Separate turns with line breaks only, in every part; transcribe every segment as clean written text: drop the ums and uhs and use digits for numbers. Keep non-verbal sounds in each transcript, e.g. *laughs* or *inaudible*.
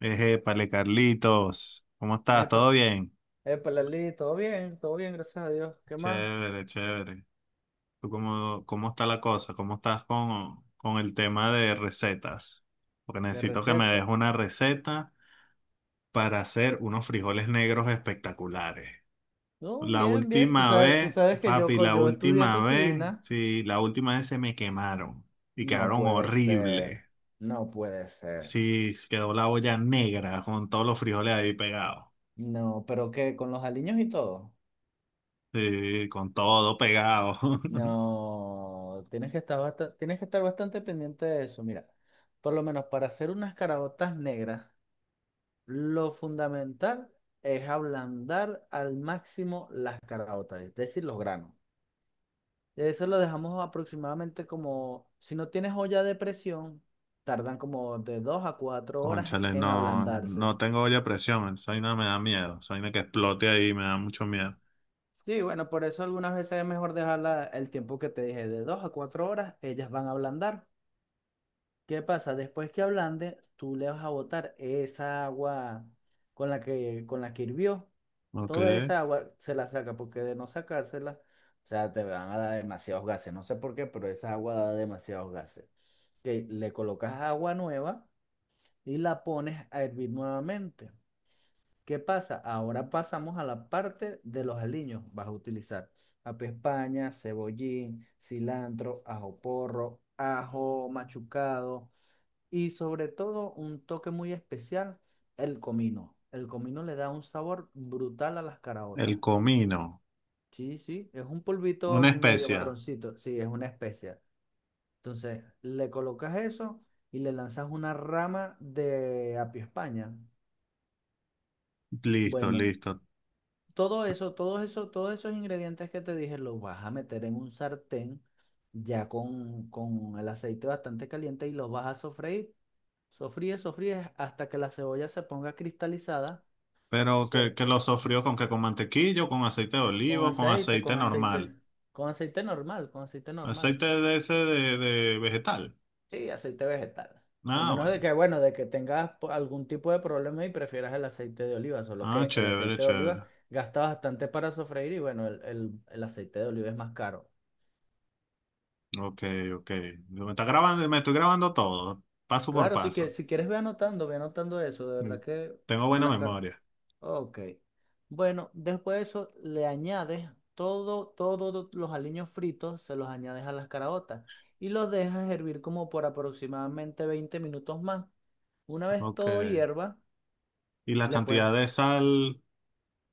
Ejépale, Carlitos, ¿cómo estás?
Epa,
¿Todo bien?
epa, Lali, todo bien, gracias a Dios. ¿Qué más?
Chévere, chévere. ¿Tú cómo está la cosa? ¿Cómo estás con el tema de recetas? Porque
De
necesito que me
receta.
des una receta para hacer unos frijoles negros espectaculares.
No,
La
bien, bien. Tú
última
sabes, tú
vez,
sabes que
papi, la
yo estudié
última vez,
cocina.
sí, la última vez se me quemaron y
No
quedaron
puede
horribles.
ser, no puede ser.
Sí, quedó la olla negra con todos los frijoles ahí pegados.
No, pero ¿qué? ¿Con los aliños y todo?
Sí, con todo pegado. *laughs*
No, tienes que estar bastante pendiente de eso. Mira, por lo menos para hacer unas caraotas negras, lo fundamental es ablandar al máximo las caraotas, es decir, los granos. Eso lo dejamos aproximadamente como, si no tienes olla de presión, tardan como de 2 a 4 horas
Cónchale,
en
no,
ablandarse.
no tengo olla a presión, esa vaina me da miedo, esa vaina que explote ahí me da mucho miedo.
Sí, bueno, por eso algunas veces es mejor dejarla el tiempo que te dije, de 2 a 4 horas, ellas van a ablandar. ¿Qué pasa? Después que ablande, tú le vas a botar esa agua con la que hirvió.
Ok,
Toda esa agua se la saca, porque de no sacársela, o sea, te van a dar demasiados gases. No sé por qué, pero esa agua da demasiados gases. Que le colocas agua nueva y la pones a hervir nuevamente. ¿Qué pasa? Ahora pasamos a la parte de los aliños. Vas a utilizar apio España, cebollín, cilantro, ajo porro, ajo machucado y sobre todo un toque muy especial, el comino. El comino le da un sabor brutal a las
el
caraotas.
comino,
Sí, sí, es un polvito
una
medio
especia,
marroncito. Sí, es una especia. Entonces, le colocas eso y le lanzas una rama de apio España.
listo,
Bueno,
listo.
Todos esos ingredientes que te dije los vas a meter en un sartén ya con el aceite bastante caliente y los vas a sofreír. Sofríes hasta que la cebolla se ponga cristalizada.
Pero que,
de-
que lo sofrió con que con mantequillo, con aceite de
con
olivo, con
aceite, con
aceite
aceite,
normal,
con aceite normal.
aceite de ese de vegetal.
Sí, aceite vegetal. A
Ah,
menos de
bueno,
que, bueno, de que tengas algún tipo de problema y prefieras el aceite de oliva, solo
ah,
que el
chévere,
aceite de
chévere.
oliva gasta bastante para sofreír y bueno, el aceite de oliva es más caro.
Ok, ok, me está grabando, me estoy grabando todo, paso por
Claro, si, que,
paso.
si quieres ve anotando eso, de
Mm,
verdad que
tengo buena
las cartas...
memoria.
Ok. Bueno, después de eso le añades todos los aliños fritos, se los añades a las caraotas y los dejas hervir como por aproximadamente 20 minutos más. Una vez
Ok,
todo hierva,
y la
le puedes,
cantidad de sal.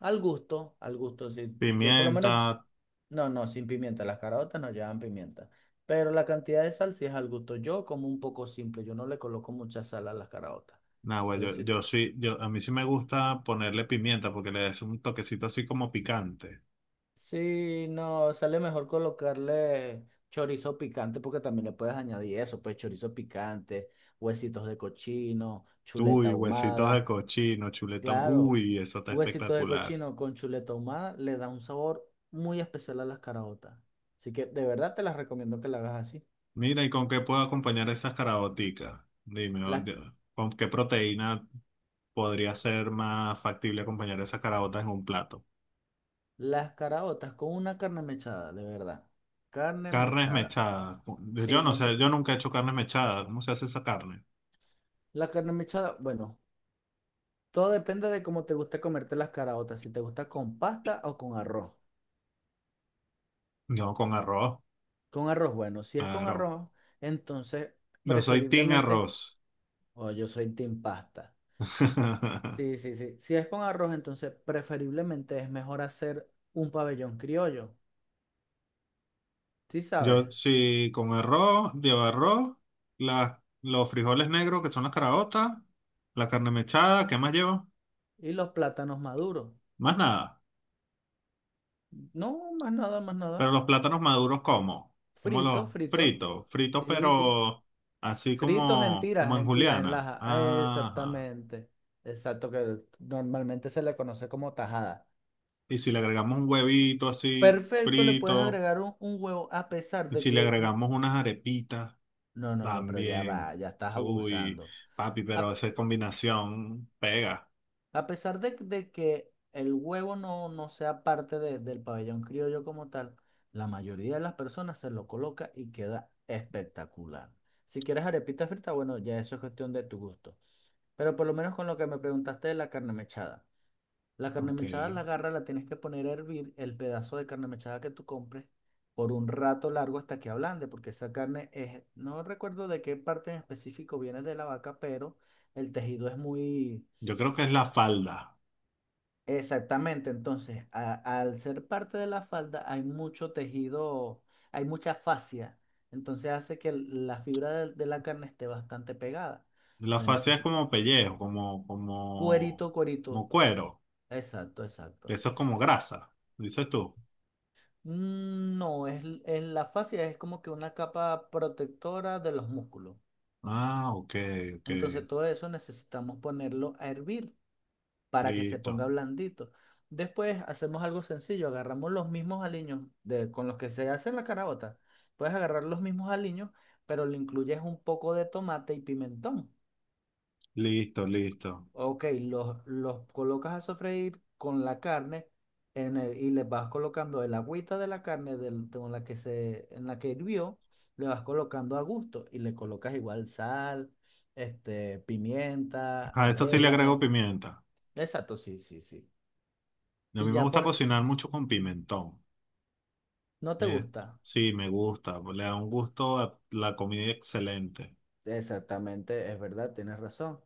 al gusto, sí. Yo por lo menos,
Pimienta,
no, no, sin pimienta, las caraotas no llevan pimienta, pero la cantidad de sal sí es al gusto. Yo como un poco simple, yo no le coloco mucha sal a las caraotas.
nah, güey,
Pero
yo,
si
yo sí, yo, a mí sí me gusta ponerle pimienta porque le das un toquecito así como picante.
sí, no, sale mejor colocarle chorizo picante porque también le puedes añadir eso, pues chorizo picante, huesitos de cochino, chuleta
Uy, huesitos de
ahumada.
cochino, chuleta,
Claro,
uy, eso está
huesitos de
espectacular.
cochino con chuleta ahumada le da un sabor muy especial a las caraotas. Así que de verdad te las recomiendo que la hagas así.
Mira, ¿y con qué puedo acompañar esas caraoticas? Dime,
Las,
¿con qué proteína podría ser más factible acompañar esas caraotas en un plato?
las caraotas con una carne mechada, de verdad. Carne
Carnes
mechada.
mechadas.
Sí,
Yo no
no
sé,
sé.
yo nunca he hecho carnes mechadas. ¿Cómo se hace esa carne?
La carne mechada, bueno. Todo depende de cómo te gusta comerte las caraotas, si te gusta con pasta o con arroz.
No, con arroz,
Con arroz, bueno, si es con
arroz,
arroz, entonces
yo soy team
preferiblemente,
arroz.
o yo soy team pasta.
*laughs*
Sí, sí, sí. Si es con arroz, entonces preferiblemente es mejor hacer un pabellón criollo, ¿sí sabes?
Yo sí, con arroz, lleva arroz, los frijoles negros que son las caraotas, la carne mechada, ¿qué más llevo?
Y los plátanos maduros.
Más nada.
No, más nada, más nada.
Pero los plátanos maduros, ¿cómo? Como
Fritos,
los
fritos.
fritos, fritos
Sí, sí.
pero así
Fritos en
como, como
tiras,
en
en
juliana.
laja.
Ajá.
Exactamente. Exacto, que normalmente se le conoce como tajada.
Y si le agregamos un huevito así
Perfecto, le puedes
frito,
agregar un huevo a pesar
y
de
si le
que...
agregamos unas arepitas,
No, no, no, pero ya
también.
va, ya estás
Uy,
abusando.
papi, pero
A,
esa combinación pega.
a pesar de que el huevo no sea parte del pabellón criollo como tal, la mayoría de las personas se lo coloca y queda espectacular. Si quieres arepita frita, bueno, ya eso es cuestión de tu gusto. Pero por lo menos con lo que me preguntaste de la carne mechada. La carne
Ok.
mechada la agarra, la tienes que poner a hervir el pedazo de carne mechada que tú compres por un rato largo hasta que ablande, porque esa carne es, no recuerdo de qué parte en específico viene de la vaca, pero el tejido es muy
Yo creo que es la falda.
exactamente. Entonces, al ser parte de la falda hay mucho tejido, hay mucha fascia, entonces hace que la fibra de la carne esté bastante pegada.
La
Entonces
fascia es
necesito
como pellejo, como, como,
cuerito,
como
cuerito.
cuero.
Exacto, exacto.
Eso es como grasa, dices tú.
Mm, no, es, en la fascia es como que una capa protectora de los músculos.
Ah, ok, ok.
Entonces todo eso necesitamos ponerlo a hervir para que se
Listo,
ponga blandito. Después hacemos algo sencillo, agarramos los mismos aliños con los que se hace la carabota. Puedes agarrar los mismos aliños, pero le incluyes un poco de tomate y pimentón.
listo, listo.
Ok, los colocas a sofreír con la carne y les vas colocando el agüita de la carne con la que en la que hirvió, le vas colocando a gusto y le colocas igual sal, este, pimienta,
A eso sí le agrego
orégano.
pimienta.
Exacto, sí, sí, sí.
A
Y
mí me
ya
gusta
por...
cocinar mucho con pimentón.
¿No te
Eh,
gusta?
Sí, me gusta. Le da un gusto a la comida excelente.
Exactamente, es verdad, tienes razón.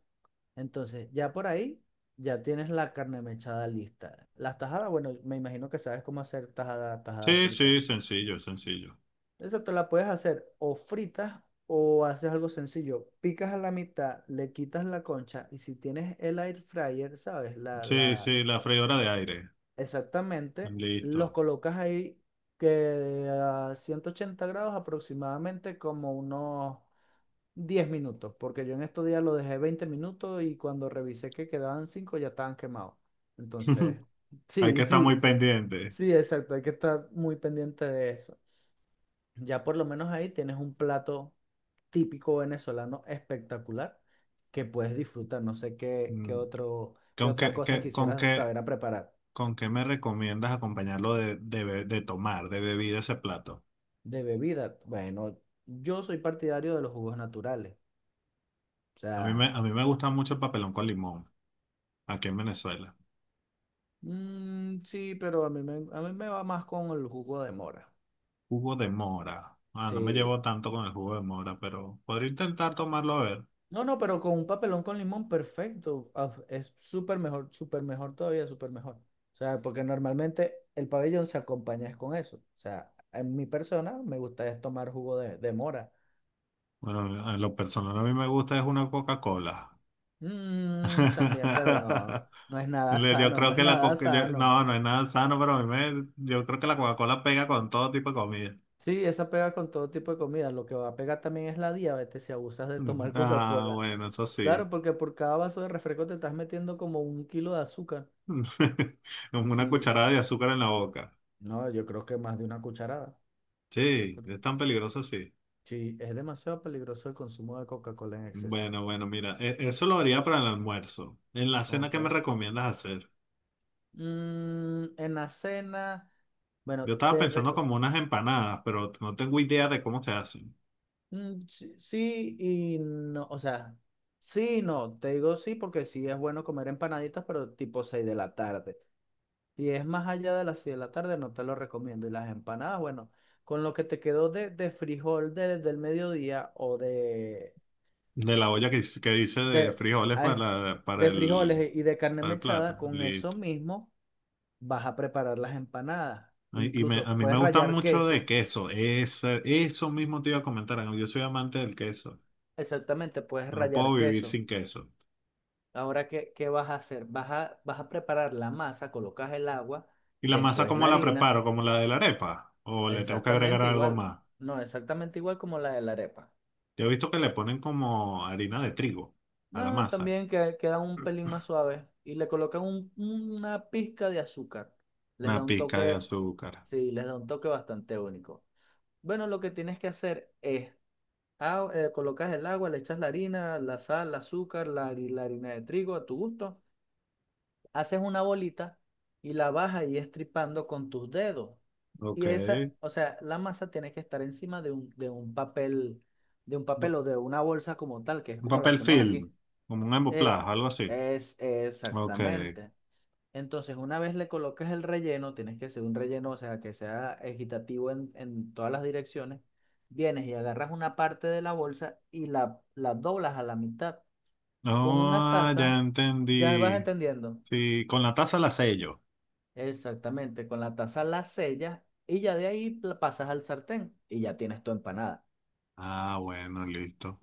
Entonces, ya por ahí, ya tienes la carne mechada lista. Las tajadas, bueno, me imagino que sabes cómo hacer tajada, tajada
Sí,
frita.
sí, sencillo, sencillo.
Esa te la puedes hacer o fritas o haces algo sencillo. Picas a la mitad, le quitas la concha y si tienes el air fryer, ¿sabes?
Sí, sí, la freidora de aire.
Exactamente, los
Listo.
colocas ahí que a 180 grados aproximadamente como unos 10 minutos, porque yo en estos días lo dejé 20 minutos y cuando revisé que quedaban 5 ya estaban quemados. Entonces,
*laughs* Hay que
sí,
estar
sí,
muy pendiente.
sí, exacto, hay que estar muy pendiente de eso. Ya por lo menos ahí tienes un plato típico venezolano espectacular que puedes disfrutar. No sé
Mm,
qué
¿Con
otra
qué,
cosa
qué- con
quisieras
qué,
saber a preparar.
con qué me recomiendas acompañarlo de tomar, de bebida ese plato?
De bebida, bueno, yo soy partidario de los jugos naturales. O
A
sea,
a mí me gusta mucho el papelón con limón, aquí en Venezuela.
mm, sí, pero a mí me va más con el jugo de mora.
Jugo de mora. Ah, no me
Sí,
llevo tanto con el jugo de mora, pero podría intentar tomarlo a ver.
no, no, pero con un papelón con limón, perfecto. Ah, es súper mejor todavía, súper mejor. O sea, porque normalmente el pabellón se acompaña es con eso. O sea, en mi persona me gusta es tomar jugo de mora.
Bueno, a lo personal a mí me gusta es una Coca-Cola.
Mm, también, pero no,
*laughs*
no es nada
Yo
sano, no
creo
es
que la
nada
coca,
sano.
no, no es nada sano, pero a yo creo que la Coca-Cola pega con todo tipo de comida. *laughs*
Sí, esa pega con todo tipo de comida. Lo que va a pegar también es la diabetes si abusas de tomar *laughs*
Ah,
Coca-Cola.
bueno, eso sí.
Claro, porque por cada vaso de refresco te estás metiendo como un kilo de azúcar.
*laughs* Con una
Sí,
cucharada de azúcar en la boca.
no, yo creo que más de una cucharada.
Sí, es tan peligroso, sí.
Sí, es demasiado peligroso el consumo de Coca-Cola en exceso.
Bueno, bueno, mira, eso lo haría para el almuerzo. En la cena,
Ok.
¿qué me recomiendas hacer?
Mm, en la cena, bueno,
Yo estaba pensando como unas empanadas, pero no tengo idea de cómo se hacen.
mm, sí, sí y no, o sea, sí y no, te digo sí porque sí es bueno comer empanaditas, pero tipo 6 de la tarde. Si es más allá de las 6 de la tarde, no te lo recomiendo. Y las empanadas, bueno, con lo que te quedó de frijol del mediodía o
De la olla que dice de
de,
frijoles
a es- de frijoles y de carne
para el
mechada,
plato.
con eso
Listo.
mismo. Vas a preparar las empanadas.
Ay, y a
Incluso
mí me
puedes
gustan
rallar
mucho de
queso.
queso. Eso mismo te iba a comentar. Ángel. Yo soy amante del queso.
Exactamente, puedes
No puedo
rallar
vivir
queso.
sin queso.
Ahora, ¿qué vas a hacer? Vas a preparar la masa, colocas el agua,
¿Y la masa
después la
cómo la
harina.
preparo? ¿Como la de la arepa? ¿O le tengo que agregar
Exactamente
algo
igual.
más?
No, exactamente igual como la de la arepa.
Yo he visto que le ponen como harina de trigo a la
No,
masa,
también que, queda un pelín más suave. Y le colocan una pizca de azúcar. Les da
una
un
pizca de
toque,
azúcar.
sí, les da un toque bastante único. Bueno, lo que tienes que hacer es ah, colocas el agua, le echas la harina, la sal, el azúcar, la, la harina de trigo a tu gusto. Haces una bolita y la vas ahí estripando con tus dedos.
Ok.
Y esa, o sea, la masa tiene que estar encima de un papel o de una bolsa como tal, que es
Un
como la
papel
hacemos aquí.
film, como un
Eh,
emboplado, algo así.
es
Ok.
exactamente. Entonces, una vez le colocas el relleno, tienes que hacer un relleno, o sea, que sea equitativo en todas las direcciones. Vienes y agarras una parte de la bolsa y la doblas a la mitad. Con una
Oh, ya
taza, ya vas
entendí.
entendiendo.
Sí, con la taza la sello.
Exactamente, con la taza la sellas y ya de ahí la pasas al sartén y ya tienes tu empanada.
Ah, bueno, listo.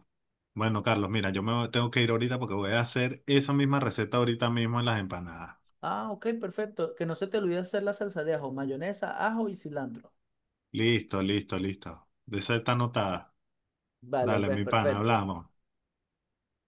Bueno, Carlos, mira, tengo que ir ahorita porque voy a hacer esa misma receta ahorita mismo en las empanadas.
Ah, ok, perfecto. Que no se te olvide hacer la salsa de ajo, mayonesa, ajo y cilantro.
Listo, listo, listo. De esa está anotada.
Vale,
Dale,
pues
mi pana,
perfecto.
hablamos.